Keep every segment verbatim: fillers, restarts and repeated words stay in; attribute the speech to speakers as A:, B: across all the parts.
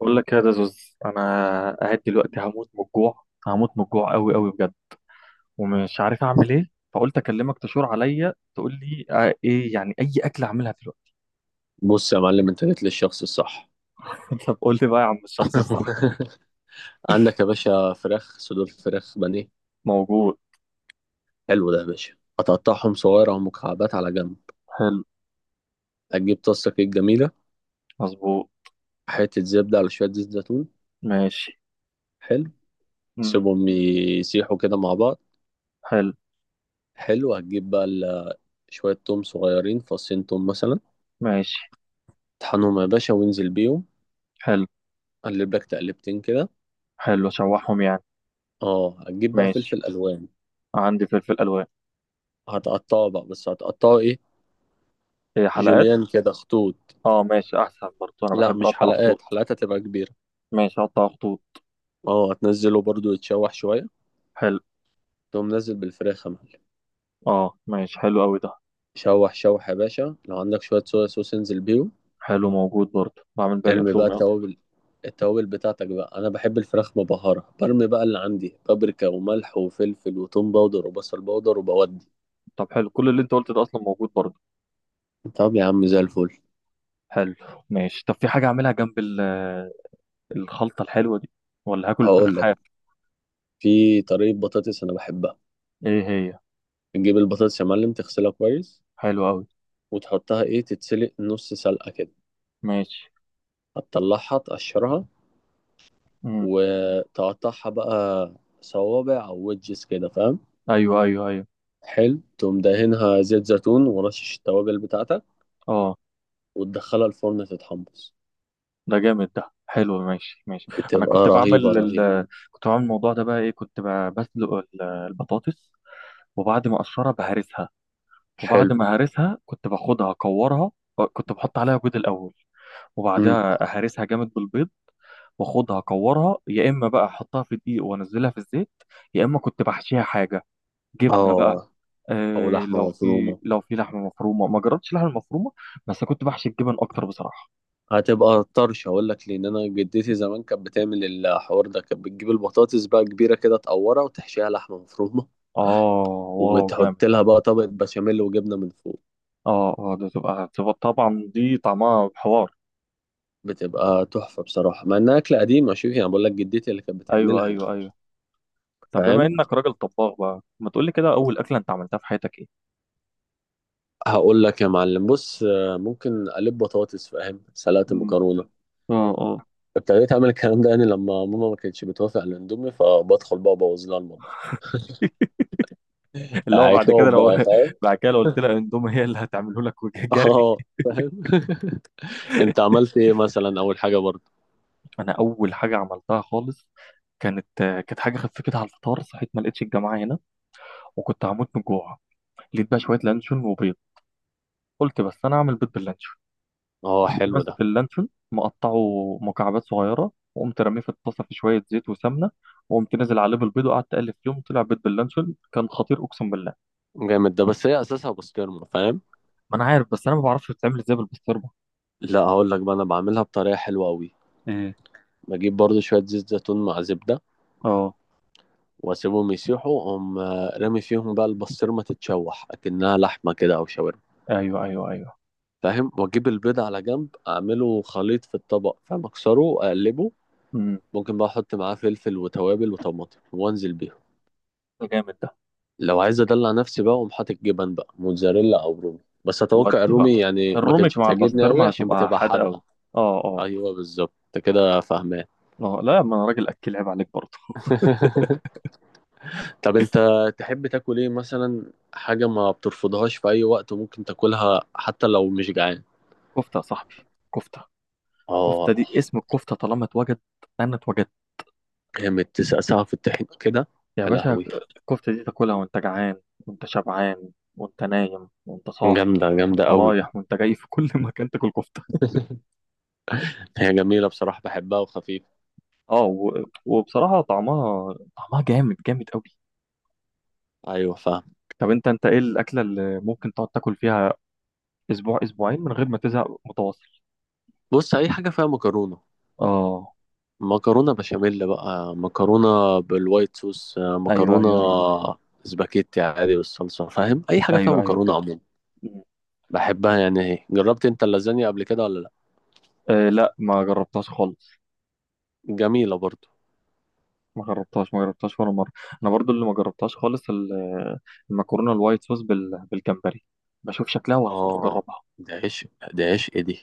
A: بقول لك يا زوز، انا قاعد دلوقتي. هموت من الجوع، هموت من الجوع قوي قوي بجد. ومش عارف اعمل ايه، فقلت اكلمك تشور عليا تقول لي آه، ايه يعني. اي اكل اعملها دلوقتي؟
B: بص يا معلم، انت جيت للشخص الصح.
A: طب قول لي بقى يا عم الشخص الصح.
B: عندك يا باشا فراخ، صدور فراخ بانيه؟
A: موجود.
B: حلو، ده يا باشا هتقطعهم صغيرة أو مكعبات على جنب.
A: حلو.
B: هتجيب طاسة كده جميلة،
A: مظبوط.
B: حتة زبدة على شوية زيت زيتون.
A: ماشي.
B: حلو،
A: مم.
B: سيبهم يسيحوا كده مع بعض.
A: حلو.
B: حلو، هتجيب بقى ال- شوية توم صغيرين، فصين توم مثلا.
A: ماشي.
B: طحنهم يا باشا وانزل بيهم،
A: حلو.
B: قلب لك تقلبتين كده.
A: حلو اشوحهم يعني.
B: اه، هتجيب بقى
A: ماشي.
B: فلفل ألوان،
A: عندي فلفل الوان.
B: هتقطعه بقى، بس هتقطعه ايه؟
A: ايه حلقات.
B: جوليان كده خطوط.
A: اه ماشي، احسن برضه انا
B: لا
A: بحب
B: مش
A: اقطع
B: حلقات،
A: خطوط.
B: حلقات هتبقى كبيرة.
A: ماشي اقطع خطوط.
B: اه هتنزله برضو يتشوح شوية،
A: حلو.
B: تقوم نزل بالفراخ يا معلم.
A: اه ماشي، حلو قوي ده.
B: شوح شوح يا باشا، لو عندك شوية صويا صوص انزل بيهم.
A: حلو موجود برضه. بعمل بقى
B: ارمي بقى
A: الاندومي.
B: التوابل، التوابل بتاعتك بقى. انا بحب الفراخ مبهرة، برمي بقى اللي عندي بابريكا وملح وفلفل وتوم باودر وبصل باودر وبودي.
A: طب حلو، كل اللي انت قلته ده اصلا موجود برضه.
B: طب يا عم زي الفل.
A: حلو. ماشي. طب في حاجه اعملها جنب ال- آه، الخلطه الحلوه دي؟ ولا هاكل
B: هقول
A: فراخ؟
B: لك، في طريقة بطاطس انا بحبها.
A: ايه هي؟
B: تجيب البطاطس يا معلم، تغسلها كويس،
A: حلو قوي.
B: وتحطها ايه، تتسلق نص سلقة كده.
A: ماشي.
B: هتطلعها، تقشرها،
A: امم.
B: وتقطعها بقى صوابع او ويدجز كده، فاهم؟
A: ايوه ايوه ايوه.
B: حلو، تقوم دهنها زيت زيتون ورشش التوابل بتاعتك،
A: اه.
B: وتدخلها الفرن تتحمص.
A: ده جامد، ده حلو، ماشي ماشي. انا
B: بتبقى
A: كنت
B: رهيبة
A: بعمل ال...
B: رهيبة.
A: آه، كنت بعمل الموضوع ده. بقى ايه، كنت ب- بسلق ال- آه، البطاطس. وبعد ما اقشرها بهرسها. وبعد
B: حلو.
A: ما هرسها كنت باخدها اكورها. كنت بحط عليها بيض الاول،
B: امم.
A: وبعدها اهرسها جامد بالبيض. واخدها اكورها، يا اما بقى احطها في دقيق وانزلها في الزيت، يا اما كنت بحشيها حاجه، جبنه بقى.
B: اه، او
A: آه، لو
B: لحمة
A: في
B: مفرومة.
A: لو في لحمه مفرومه. ما جربتش لحمه مفرومه، بس كنت بحشي الجبن اكتر بصراحه.
B: هتبقى طرش، اقول لك، لان انا جدتي زمان كانت بتعمل الحوار ده، كانت بتجيب البطاطس بقى كبيرة كده، تقورها وتحشيها لحمة مفرومة،
A: اه. واو
B: وتحط
A: جامد ده.
B: لها بقى طبقة بشاميل وجبنة من فوق.
A: اه اه، ده تبقى تبقى طبعا دي طعمها حوار.
B: بتبقى تحفة بصراحة، مع انها اكلة قديمة. شوف يعني، بقول لك جدتي اللي كانت
A: ايوه
B: بتعملها يعني،
A: ايوه ايوه. طب بما
B: فاهم.
A: انك راجل طباخ بقى، ما تقول لي كده، اول اكله انت عملتها في حياتك ايه؟
B: هقول لك يا معلم، بص، آه، ممكن اقلب بطاطس، فاهم، سلطه،
A: مم.
B: مكرونه.
A: اه اه.
B: ابتديت اعمل الكلام ده يعني لما ماما ما كانتش بتوافق على الاندومي، فبدخل بقى ابوظ لها المطبخ.
A: اللي هو بعد كده
B: عقاب
A: لو
B: بقى، فاهم.
A: بعد كده لو قلت لها اندومي، هي اللي هتعمله لك وجري.
B: اه فاهم. انت عملت ايه مثلا اول حاجه برضه؟
A: انا اول حاجه عملتها خالص كانت كانت حاجه خفيتها على الفطار. صحيت ما لقيتش الجماعه هنا، وكنت هموت من الجوع. لقيت بقى شويه لانشون وبيض. قلت بس انا اعمل بيض باللانشون.
B: اه
A: قمت
B: حلو ده.
A: ماسك اللانشون مقطعه مكعبات صغيره، وقمت رميه في الطاسه في شويه زيت وسمنه. وقمت نازل عليه بالبيض وقعدت اقلب فيهم. طلع بيض باللانشون كان خطير، اقسم بالله.
B: جامد ده، بس هي اساسها بسطرمه، فاهم.
A: ما انا عارف، بس انا ما بعرفش بتتعمل ازاي بالبسطرمه.
B: لا هقول لك بقى، انا بعملها بطريقه حلوه قوي.
A: ايه.
B: بجيب برضه شويه زيت زيتون مع زبده،
A: اه.
B: واسيبهم يسيحوا، اقوم آه، رامي فيهم بقى البسطرمه تتشوح اكنها لحمه كده او شاورما،
A: ايوه ايوه ايوه.
B: فاهم. واجيب البيض على جنب، اعمله خليط في الطبق، فاهم، اكسره اقلبه.
A: امم.
B: ممكن بقى احط معاه فلفل وتوابل وطماطم وانزل بيهم.
A: جامد ده.
B: لو عايز ادلع نفسي بقى، اقوم حاطط جبن بقى موتزاريلا او رومي. بس اتوقع
A: ودي بقى،
B: الرومي يعني ما
A: الروميك
B: كانتش
A: مع
B: بتعجبني قوي
A: البسطرمه
B: عشان
A: هتبقى
B: بتبقى
A: حادقه قوي.
B: حادقه.
A: اه اه
B: ايوه بالظبط، انت كده فاهمان.
A: اه. لا ما انا راجل اكل، عيب عليك برضه.
B: طب انت تحب تاكل ايه مثلا، حاجه ما بترفضهاش في اي وقت وممكن تاكلها حتى لو مش جعان؟
A: كفته يا صاحبي. كفته. كفته
B: اه
A: دي، اسم الكفته طالما اتوجد انا اتوجدت.
B: جامد، تسقسها في الطحين كده.
A: يا
B: يا
A: باشا.
B: لهوي،
A: الكفته دي تاكلها وانت جعان وانت شبعان وانت نايم وانت صاحي
B: جامده جامده
A: وانت
B: قوي.
A: رايح وانت جاي، في كل مكان تاكل كفته.
B: هي جميلة بصراحة، بحبها وخفيفة.
A: اه و... وبصراحه طعمها، طعمها جامد جامد قوي.
B: أيوة فاهم.
A: طب انت، انت ايه الاكله اللي ممكن تقعد تاكل فيها اسبوع اسبوعين من غير ما تزهق متواصل؟
B: بص، أي حاجة فيها مكرونة،
A: اه.
B: مكرونة بشاميل بقى، مكرونة بالوايت صوص، آه،
A: ايوه
B: مكرونة
A: ايوه.
B: سباكيتي عادي بالصلصة، فاهم، أي حاجة فيها
A: ايوه ايوه
B: مكرونة
A: فاهم.
B: عموما. بحبها يعني. هي جربت أنت اللازانيا قبل كده ولا لأ؟
A: آه لا، ما جربتهاش خالص.
B: جميلة برضو.
A: ما جربتهاش ما جربتهاش ولا مره. انا برضو اللي ما جربتهاش خالص، ال- المكرونه الوايت صوص بال- بالجمبري. بشوف شكلها وهموت
B: آه،
A: واجربها.
B: دي عشق، دي عشق دي.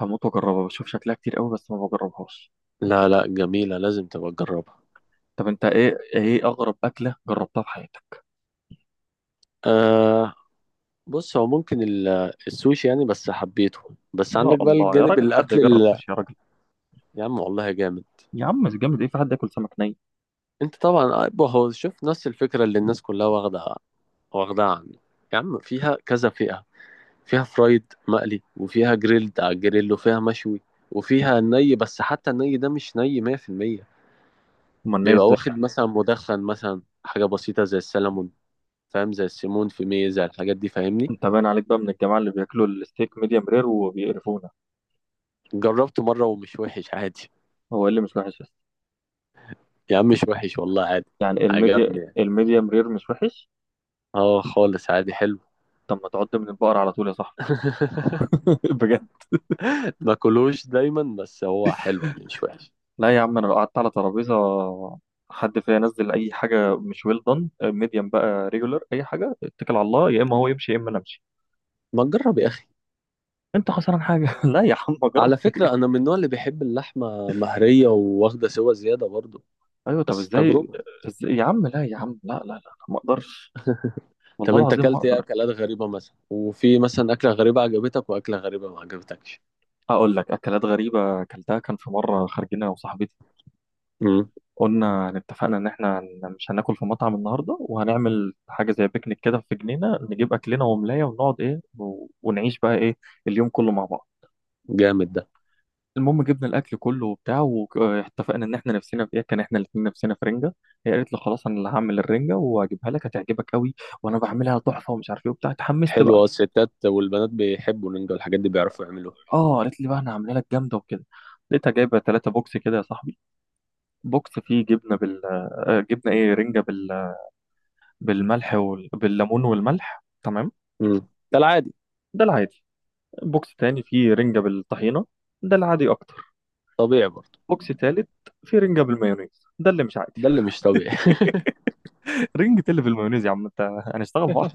A: هموت واجربها، بشوف شكلها كتير قوي بس ما بجربهاش.
B: لا لا، جميلة، لازم تبقى تجربها.
A: طب انت ايه، ايه اغرب اكله جربتها في حياتك؟
B: آه، بص، هو ممكن ال- السوشي يعني، بس حبيته. بس
A: يا
B: عندك بقى
A: الله يا
B: الجانب
A: راجل، حد
B: الأكل
A: يجرب
B: ال-
A: سوشي يا راجل!
B: يا عم والله جامد.
A: يا عم مش جامد، ايه في حد ياكل سمك ني؟
B: انت طبعا أبو هو، شوف، نفس الفكره اللي الناس كلها واخده، واخدها عنه. يا عم فيها كذا فئه، فيها فرايد مقلي، وفيها جريلد على الجريل، وفيها مشوي، وفيها ني. بس حتى الني ده مش ني مية في المية،
A: امال ني
B: بيبقى
A: ازاي؟
B: واخد مثلا مدخن، مثلا حاجه بسيطه زي السلمون، فاهم، زي السيمون في ميه، زي الحاجات دي فاهمني.
A: انت باين عليك بقى من الجماعه اللي بياكلوا الستيك ميديم رير وبيقرفونا.
B: جربته مره ومش وحش عادي.
A: هو ايه اللي مش وحش بس؟
B: يا عم مش وحش والله، عادي.
A: يعني الميديا،
B: عجبني يعني.
A: الميديم رير مش وحش؟
B: اه خالص عادي، حلو.
A: طب ما تعد من البقر على طول يا صاحبي. بجد.
B: ما كلوش دايما، بس هو حلو يعني، مش وحش.
A: لا يا عم، انا لو قعدت على ترابيزه حد فيها ينزل اي حاجه مش ويل دون، ميديم بقى ريجولر اي حاجه، اتكل على الله، يا اما هو يمشي يا اما انا امشي.
B: ما تجرب يا اخي.
A: انت خسران حاجه. لا يا عم اجرب.
B: على فكرة أنا من النوع اللي بيحب اللحمة مهرية وواخدة سوا زيادة برضو.
A: ايوه طب
B: بس
A: ازاي؟
B: تجربة.
A: ازاي يا عم، لا يا عم، لا لا لا، ما اقدرش.
B: طب
A: والله
B: أنت
A: العظيم ما
B: أكلت إيه
A: اقدر.
B: أكلات غريبة مثلا، وفي مثلا أكلة غريبة عجبتك وأكلة غريبة ما عجبتكش؟
A: اقول لك اكلات غريبه اكلتها. كان في مره خارجين انا وصاحبتي،
B: امم.
A: قلنا يعني، اتفقنا ان احنا هن- مش هناكل في مطعم النهارده، وهنعمل حاجه زي بيكنيك كده في جنينه. نجيب اكلنا وملايه ونقعد ايه و- ونعيش بقى ايه اليوم كله مع بعض.
B: جامد ده.
A: المهم جبنا الاكل كله وبتاع، واتفقنا ان احنا نفسنا في ايه. كان احنا الاثنين نفسنا في رنجه. هي قالت له خلاص، انا اللي هعمل الرنجه وهجيبها لك هتعجبك قوي، وانا بعملها تحفه ومش عارف ايه وبتاع. اتحمست
B: حلو،
A: بقى.
B: أه الستات والبنات بيحبوا النينجا والحاجات دي، بيعرفوا يعملوها.
A: اه قالت لي بقى انا هعملها لك جامده وكده. لقيتها جايبه ثلاثة بوكس كده يا صاحبي. بوكس فيه جبنه بال آه، جبنه ايه، رنجه بال... بالملح وال... بالليمون والملح. تمام.
B: امم، ده العادي.
A: ده العادي. بوكس تاني فيه رنجه بالطحينه. ده العادي اكتر.
B: طبيعي برضو.
A: بوكس تالت فيه رنجه بالمايونيز. ده اللي مش عادي.
B: ده اللي مش طبيعي.
A: رنجة إيه اللي بالمايونيز يا عم انت؟ هنشتغل مع.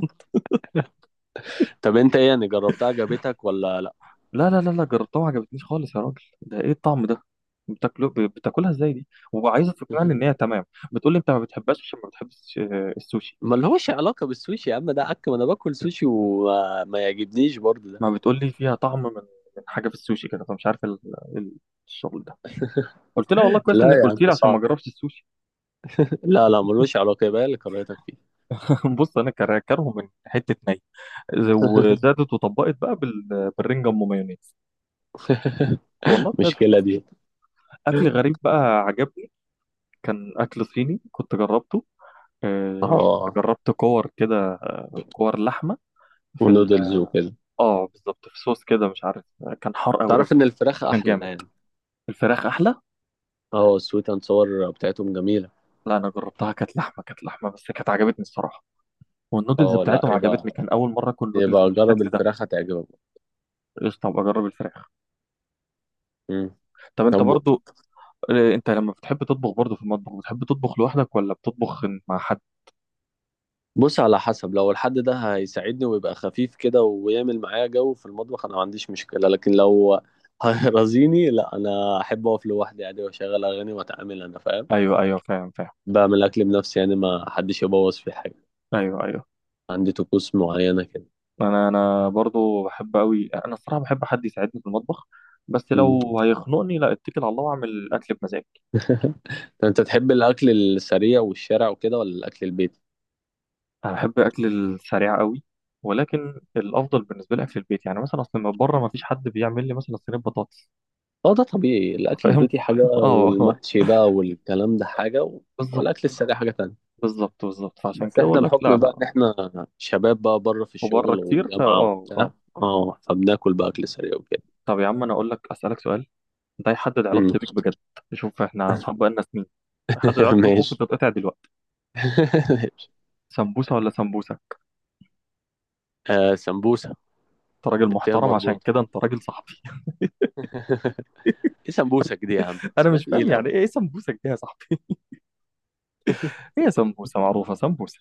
B: طب أنت إيه يعني، جربتها عجبتك ولا لأ؟
A: لا لا لا لا، جربتها ما عجبتنيش خالص. يا راجل ده ايه الطعم ده؟ بتاكله ب- بتاكلها ازاي دي؟ وعايزه تقنعني ان هي تمام. بتقول لي انت ما بتحبهاش عشان ما بتحبش آه، السوشي.
B: ما لهوش علاقة بالسوشي يا عم، ده عك، ما أنا باكل سوشي وما ما يعجبنيش برضو ده.
A: ما بتقول لي فيها طعم من من حاجه في السوشي كده. فمش عارف ال- ال- الشغل ده. قلت لها والله كويس
B: لا
A: انك
B: يا
A: قلت لي
B: عم
A: عشان ما
B: صعب.
A: اجربش السوشي.
B: لا لا، ملوش علاقة، يبقى هي اللي كرهتك فيه.
A: بص انا كر- كارهه من حته ني، وزادت وطبقت بقى بال- بالرنجة ام مايونيز. والله بجد.
B: المشكلة دي.
A: اكل غريب بقى عجبني، كان اكل صيني كنت جربته. آه، كنت
B: اه،
A: جربت كور كده. كور لحمه في.
B: ونودلز وكده.
A: اه بالظبط، في صوص كده مش عارف. كان حار قوي
B: تعرف
A: قوي،
B: ان الفراخ
A: بس كان
B: احلى
A: جامد.
B: يعني.
A: الفراخ احلى.
B: اه، السويت اند صور بتاعتهم جميلة.
A: لا انا جربتها كانت لحمه، كانت لحمه بس كانت عجبتني الصراحه. والنودلز
B: اه لا،
A: بتاعتهم
B: يبقى
A: عجبتني، كان اول مره اكل نودلز
B: يبقى جرب
A: بالشكل ده.
B: الفراخ، هتعجبك.
A: قشطه، ابقى اجرب الفراخ.
B: مم.
A: طب انت
B: طب
A: برضو، آه، انت لما بتحب تطبخ برضو في المطبخ، بتحب تطبخ لوحدك ولا بتطبخ مع حد؟
B: بص، على حسب، لو الحد ده هيساعدني ويبقى خفيف كده ويعمل معايا جو في المطبخ، انا ما عنديش مشكلة. لكن لو هيرازيني لا، انا احب اقف لوحدي عادي، واشغل اغاني واتعامل انا، فاهم.
A: ايوه ايوه فاهم فاهم.
B: بعمل اكل بنفسي يعني، ما حدش يبوظ في حاجة،
A: ايوه ايوه.
B: عندي طقوس معينة كده.
A: انا انا برضو بحب قوي. انا الصراحه بحب حد يساعدني في المطبخ، بس
B: مم.
A: لو هيخنقني لا، اتكل على الله واعمل الاكل بمزاجي.
B: ده انت تحب الاكل السريع والشارع وكده ولا الاكل البيتي؟
A: انا بحب اكل السريع قوي، ولكن الافضل بالنسبه لي اكل البيت. يعني مثلا اصل من بره ما فيش حد بيعمل لي مثلا صينيه بطاطس.
B: اه ده طبيعي، الاكل
A: فاهم.
B: البيتي حاجه
A: اه آه.
B: والمحشي بقى والكلام ده حاجه و...
A: بالظبط
B: والاكل السريع حاجه تانية.
A: بالظبط بالظبط. فعشان
B: بس
A: كده
B: احنا
A: بقول لك لا
B: بحكم بقى ان
A: لا.
B: احنا شباب بقى بره في
A: وبره
B: الشغل
A: كتير، فا
B: والجامعه
A: اه اه.
B: وبتاع، اه، فبناكل بقى اكل سريع وكده.
A: طب يا عم انا اقول لك، اسالك سؤال ده هيحدد
B: مم.
A: علاقتي بيك بجد. شوف احنا اصحاب بقالنا سنين. هيحدد علاقتي بيك، ممكن
B: ماشي.
A: تتقطع دلوقتي. سمبوسه ولا سمبوسه؟
B: آه سمبوسه
A: انت راجل
B: بالتين
A: محترم، عشان
B: مربوطه.
A: كده انت راجل صاحبي.
B: ايه سمبوسك دي يا عم،
A: انا
B: اسمها
A: مش فاهم
B: تقيل
A: يعني
B: قوي.
A: ايه، إيه سمبوسه دي يا صاحبي؟ هي سمبوسه معروفه، سمبوسه.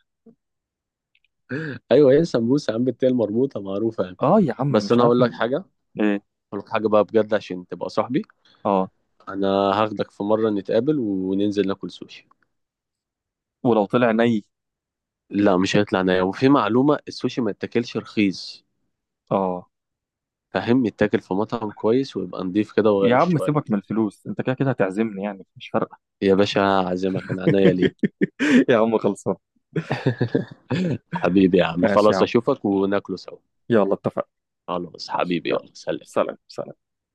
B: ايوه، ايه سمبوسه يا عم، بالتين مربوطه معروفه يعني.
A: اه يا عم
B: بس
A: مش
B: انا اقول
A: عارف.
B: لك
A: من
B: حاجه،
A: ايه؟
B: اقول لك حاجه بقى بجد عشان تبقى صاحبي.
A: اه.
B: انا هاخدك في مره نتقابل وننزل ناكل سوشي.
A: ولو طلع ني؟
B: لا مش هيطلع نايا، وفي معلومه، السوشي ما يتاكلش رخيص،
A: اه.
B: فاهم، يتاكل في مطعم كويس ويبقى نضيف كده،
A: يا
B: وغالي
A: عم
B: شويه.
A: سيبك من الفلوس، انت كده كده هتعزمني يعني مش فارقه.
B: يا باشا عازمك، انا عينيا ليك.
A: يا عم خلصان.
B: حبيبي يا عم،
A: ماشي يا
B: خلاص
A: عم.
B: اشوفك وناكله سوا.
A: يلا اتفقنا.
B: خلاص
A: ماشي،
B: حبيبي،
A: يلا.
B: يلا سلام.
A: سلام سلام.